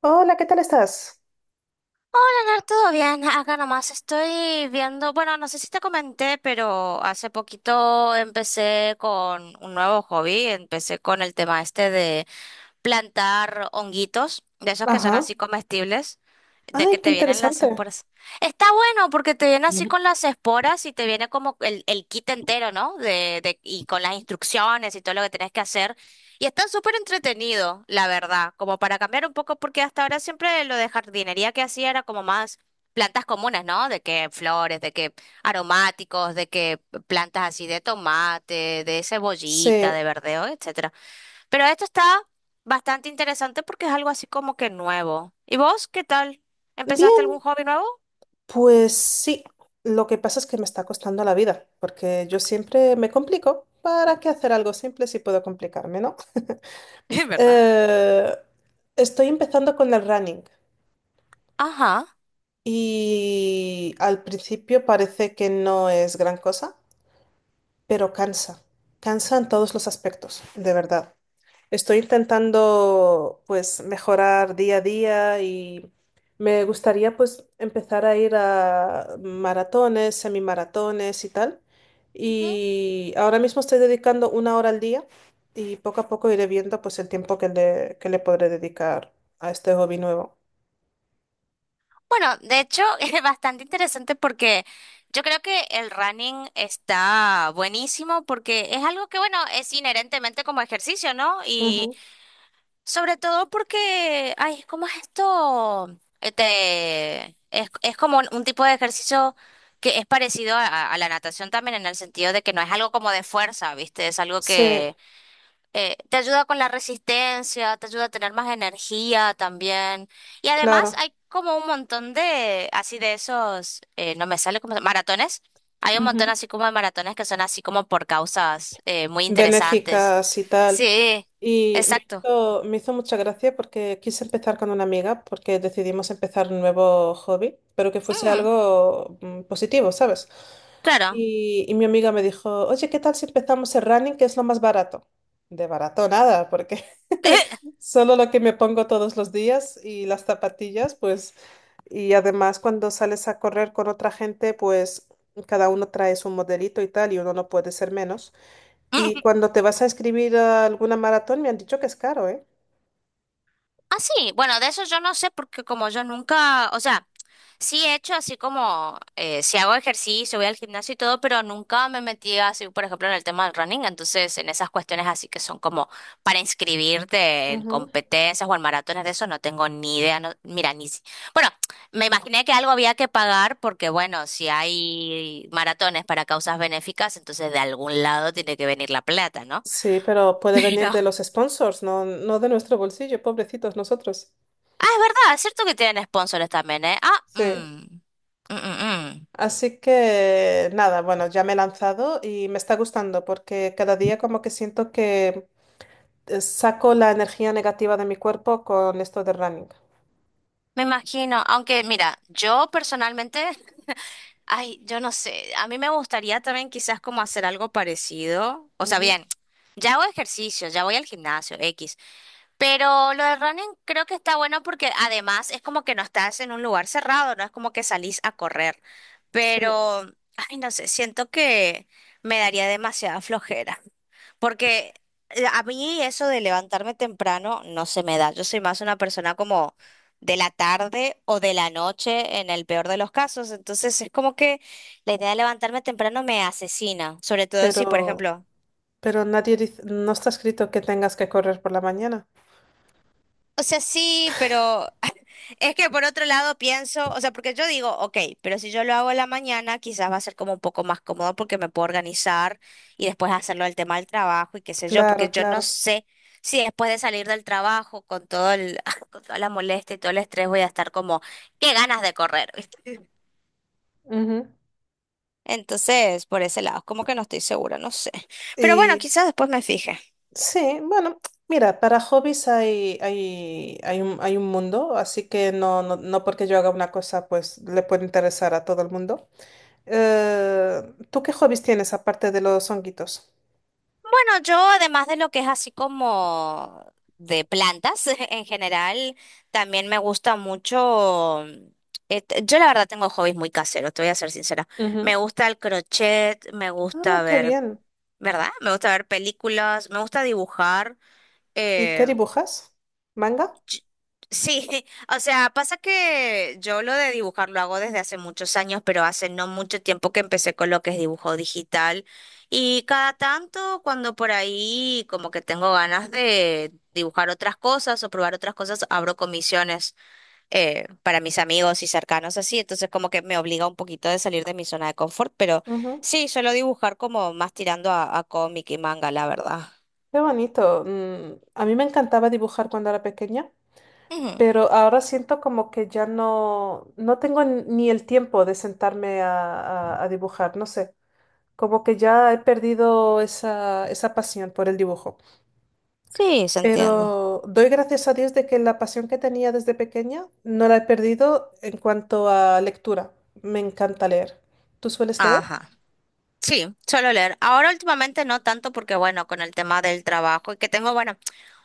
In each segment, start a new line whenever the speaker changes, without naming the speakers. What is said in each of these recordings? Hola, ¿qué tal estás?
Ganar todo bien, acá nomás estoy viendo, bueno, no sé si te comenté, pero hace poquito empecé con un nuevo hobby, empecé con el tema este plantar honguitos, de esos que son
Ajá.
así comestibles, de que
Ay, qué
te vienen las
interesante.
esporas. Está bueno porque te viene así con las esporas y te viene como el kit entero, ¿no? Y con las instrucciones y todo lo que tenés que hacer. Y está súper entretenido, la verdad, como para cambiar un poco, porque hasta ahora siempre lo de jardinería que hacía era como más plantas comunes, ¿no? De que flores, de que aromáticos, de que plantas así de tomate, de cebollita,
Sí.
de verdeo, etcétera. Pero esto está bastante interesante porque es algo así como que nuevo. ¿Y vos qué tal? ¿Empezaste algún
Bien,
hobby nuevo?
pues sí. Lo que pasa es que me está costando la vida, porque yo siempre me complico. ¿Para qué hacer algo simple si puedo complicarme, no?
¿Verdad?
Eh, Estoy empezando con el running,
Ajá.
y al principio parece que no es gran cosa, pero cansa. Cansa en todos los aspectos, de verdad. Estoy intentando pues mejorar día a día, y me gustaría pues empezar a ir a maratones, semimaratones y tal.
Ujú.
Y ahora mismo estoy dedicando una hora al día, y poco a poco iré viendo pues el tiempo que le podré dedicar a este hobby nuevo.
Bueno, de hecho, es bastante interesante porque yo creo que el running está buenísimo porque es algo que, bueno, es inherentemente como ejercicio, ¿no? Y
Ujú.
sobre todo porque, ay, ¿cómo es esto? Es como un tipo de ejercicio que es parecido a, a la natación también en el sentido de que no es algo como de fuerza, ¿viste? Es algo
Sí,
que te ayuda con la resistencia, te ayuda a tener más energía también. Y además
claro.
hay como un montón de, así de esos, no me sale como, maratones. Hay un montón
Ujú.
así como de maratones que son así como por causas muy interesantes.
Benéficas y tal.
Sí,
Y me
exacto.
me hizo mucha gracia porque quise empezar con una amiga, porque decidimos empezar un nuevo hobby, pero que fuese
Ujú.
algo positivo, ¿sabes?
Claro.
Y mi amiga me dijo, oye, ¿qué tal si empezamos el running, que es lo más barato? De barato nada, porque solo lo que me pongo todos los días y las zapatillas, pues, y además cuando sales a correr con otra gente, pues cada uno trae su modelito y tal, y uno no puede ser menos. Y cuando te vas a escribir a alguna maratón, me han dicho que es caro, ¿eh?
Ah, sí, bueno, de eso yo no sé porque como yo nunca, o sea, sí he hecho así como, si hago ejercicio, voy al gimnasio y todo, pero nunca me metí así, por ejemplo, en el tema del running, entonces en esas cuestiones así que son como para inscribirte en
Ujú.
competencias o en maratones de eso, no tengo ni idea, no, mira, ni... Bueno, me imaginé que algo había que pagar porque, bueno, si hay maratones para causas benéficas, entonces de algún lado tiene que venir la plata, ¿no?
Sí, pero puede venir
Pero.
de los sponsors, no, no de nuestro bolsillo, pobrecitos nosotros.
Ah, es verdad, es cierto que tienen sponsors también, ¿eh?
Sí.
Mm, mm, mm.
Así que nada, bueno, ya me he lanzado y me está gustando porque cada día como que siento que saco la energía negativa de mi cuerpo con esto de running.
Me imagino, aunque mira, yo personalmente, ay, yo no sé, a mí me gustaría también quizás como hacer algo parecido, o sea,
Ujú.
bien, ya hago ejercicio, ya voy al gimnasio, X, pero lo de running creo que está bueno porque además es como que no estás en un lugar cerrado, no es como que salís a correr.
Sí,
Pero, ay, no sé, siento que me daría demasiada flojera. Porque a mí eso de levantarme temprano no se me da. Yo soy más una persona como de la tarde o de la noche en el peor de los casos. Entonces es como que la idea de levantarme temprano me asesina. Sobre todo si, por
pero,
ejemplo,
pero nadie dice, no está escrito que tengas que correr por la mañana.
o sea, sí, pero es que por otro lado pienso, o sea, porque yo digo, ok, pero si yo lo hago en la mañana, quizás va a ser como un poco más cómodo porque me puedo organizar y después hacerlo el tema del trabajo y qué sé yo,
Claro,
porque yo no
claro.
sé si después de salir del trabajo con todo el, con toda la molestia y todo el estrés voy a estar como, qué ganas de correr, ¿viste?
Ujú.
Entonces, por ese lado, como que no estoy segura, no sé. Pero bueno,
Y
quizás después me fije.
sí, bueno, mira, para hobbies hay un mundo, así que no, no, no porque yo haga una cosa, pues le puede interesar a todo el mundo. Eh, ¿Tú qué hobbies tienes aparte de los honguitos?
Bueno, yo además de lo que es así como de plantas en general, también me gusta mucho, yo la verdad tengo hobbies muy caseros, te voy a ser sincera. Me
Ujú.
gusta el crochet, me
Ah,
gusta
qué
ver,
bien.
¿verdad? Me gusta ver películas, me gusta dibujar.
¿Y qué
eh,
dibujas? ¿Manga?
Ch- Sí, o sea, pasa que yo lo de dibujar lo hago desde hace muchos años, pero hace no mucho tiempo que empecé con lo que es dibujo digital. Y cada tanto, cuando por ahí como que tengo ganas de dibujar otras cosas o probar otras cosas, abro comisiones para mis amigos y cercanos así. Entonces como que me obliga un poquito de salir de mi zona de confort, pero
Ujú.
sí, suelo dibujar como más tirando a cómic y manga, la verdad.
Qué bonito. A mí me encantaba dibujar cuando era pequeña,
Ujú.
pero ahora siento como que ya no, ni el tiempo de sentarme a dibujar, no sé, como que ya he perdido esa, esa pasión por el dibujo.
Sí, se entiende.
Pero doy gracias a Dios de que la pasión que tenía desde pequeña no la he perdido en cuanto a lectura. Me encanta leer. ¿Tú sueles leer?
Ajá. Sí, suelo leer. Ahora últimamente no tanto porque, bueno, con el tema del trabajo y que tengo, bueno,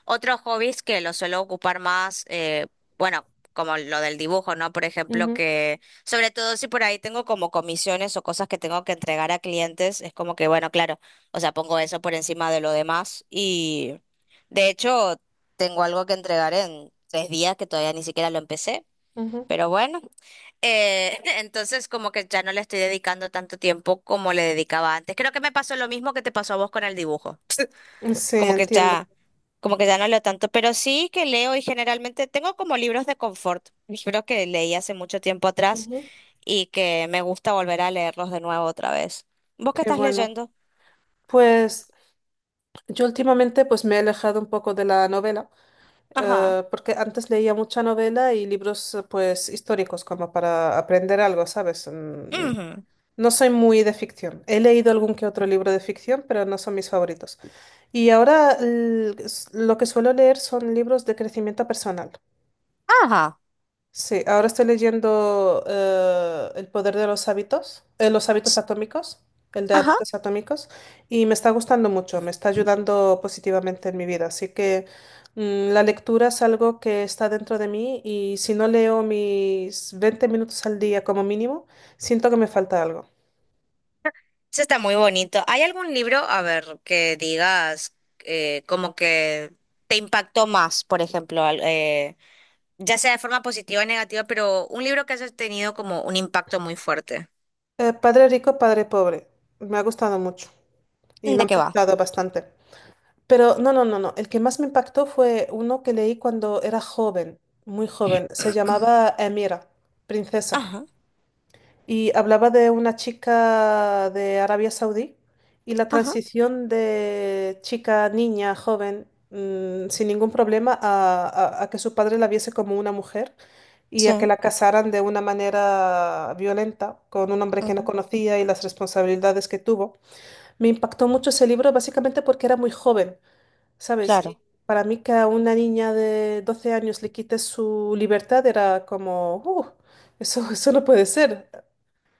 otros hobbies que lo suelo ocupar más, bueno, como lo del dibujo, ¿no? Por ejemplo,
Ujú,
que sobre todo si por ahí tengo como comisiones o cosas que tengo que entregar a clientes, es como que, bueno, claro, o sea, pongo eso por encima de lo demás y de hecho tengo algo que entregar en 3 días que todavía ni siquiera lo empecé. Pero bueno, entonces como que ya no le estoy dedicando tanto tiempo como le dedicaba antes. Creo que me pasó lo mismo que te pasó a vos con el dibujo.
ujú. Sí,
Como que
entiendo.
ya, como que ya no leo tanto, pero sí que leo y generalmente tengo como libros de confort, libros que leí hace mucho tiempo atrás
Ujú.
y que me gusta volver a leerlos de nuevo otra vez. ¿Vos qué
Qué
estás
bueno.
leyendo?
Pues yo últimamente pues me he alejado un poco de la novela,
Ajá.
porque antes leía mucha novela y libros pues históricos como para aprender algo, ¿sabes?
Ujú.
No soy muy de ficción. He leído algún que otro libro de ficción, pero no son mis favoritos. Y ahora lo que suelo leer son libros de crecimiento personal.
Ajá.
Sí, ahora estoy leyendo El poder de los hábitos, el de
Ajá.
hábitos atómicos, y me está gustando mucho, me está ayudando positivamente en mi vida. Así que la lectura es algo que está dentro de mí, y si no leo mis 20 minutos al día como mínimo, siento que me falta algo.
Eso está muy bonito. ¿Hay algún libro, a ver, que digas como que te impactó más, por ejemplo, ya sea de forma positiva o negativa, pero un libro que hayas tenido como un impacto muy fuerte?
Padre rico, padre pobre, me ha gustado mucho y me
¿De
ha
qué va?
impactado bastante. Pero no, no, no, no. El que más me impactó fue uno que leí cuando era joven, muy joven. Se llamaba Emira, princesa.
Ajá,
Y hablaba de una chica de Arabia Saudí, y la
ajá,
transición de chica, niña, joven, sin ningún problema, a, a que su padre la viese como una mujer, y a que
sí,
la casaran de una manera violenta con un hombre que no
ujú,
conocía, y las responsabilidades que tuvo. Me impactó mucho ese libro básicamente porque era muy joven. ¿Sabes? Y
claro.
para mí que a una niña de 12 años le quites su libertad era como, eso, eso no puede ser."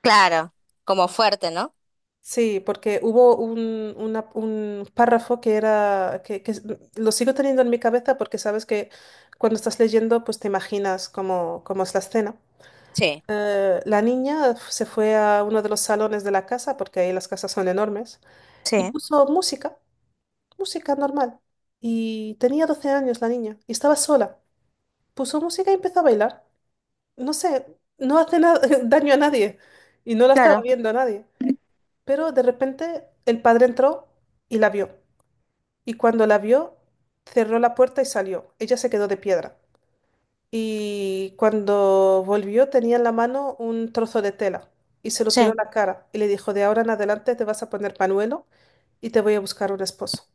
Claro, como fuerte, ¿no?
Sí, porque hubo un párrafo que lo sigo teniendo en mi cabeza, porque sabes que cuando estás leyendo pues te imaginas cómo, cómo es la escena.
Sí.
La niña se fue a uno de los salones de la casa, porque ahí las casas son enormes, y
Sí,
puso música, música normal. Y tenía 12 años la niña, y estaba sola. Puso música y empezó a bailar. No sé, no hace na- daño a nadie, y no la estaba
claro,
viendo a nadie. Pero de repente el padre entró y la vio. Y cuando la vio, cerró la puerta y salió. Ella se quedó de piedra. Y cuando volvió tenía en la mano un trozo de tela, y se lo tiró en
sí.
la cara y le dijo, de ahora en adelante te vas a poner panuelo, y te voy a buscar un esposo.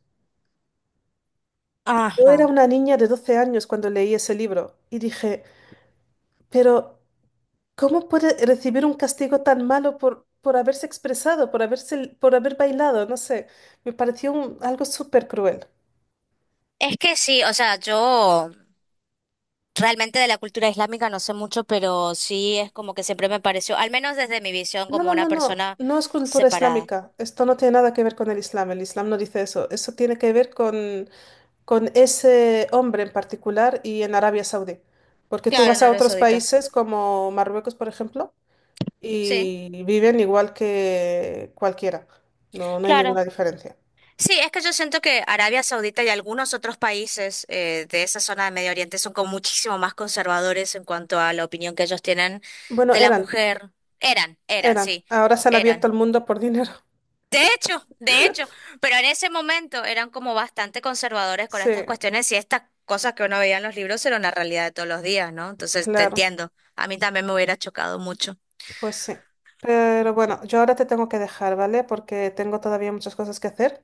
Yo
Ajá.
era una niña de 12 años cuando leí ese libro y dije, pero ¿cómo puede recibir un castigo tan malo por haberse expresado, por haberse, por haber bailado? No sé, algo súper cruel.
Es que sí, o sea, yo... Realmente de la cultura islámica no sé mucho, pero sí es como que siempre me pareció, al menos desde mi visión,
No,
como
no, no,
una
no,
persona
no es cultura
separada.
islámica. Esto no tiene nada que ver con el Islam. El Islam no dice eso. Eso tiene que ver con ese hombre en particular y en Arabia Saudí. Porque tú
Claro,
vas
en
a
Arabia
otros
Saudita.
países como Marruecos, por ejemplo,
Sí.
y viven igual que cualquiera. No, no hay ninguna
Claro.
diferencia.
Sí, es que yo siento que Arabia Saudita y algunos otros países de esa zona de Medio Oriente son como muchísimo más conservadores en cuanto a la opinión que ellos tienen
Bueno,
de la
eran,
mujer.
eran.
Sí,
Ahora se han abierto
eran.
el mundo por dinero.
De hecho, pero en ese momento eran como bastante conservadores con
Sí,
estas cuestiones y estas cosas que uno veía en los libros eran la realidad de todos los días, ¿no? Entonces, te
claro,
entiendo. A mí también me hubiera chocado mucho.
pues sí. Pero bueno, yo ahora te tengo que dejar, ¿vale? Porque tengo todavía muchas cosas que hacer.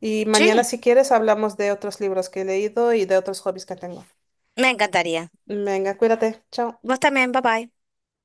Y mañana,
Sí,
si quieres, hablamos de otros libros que he leído y de otros hobbies que tengo.
me encantaría.
Venga, cuídate. Chao.
Vos también, bye bye.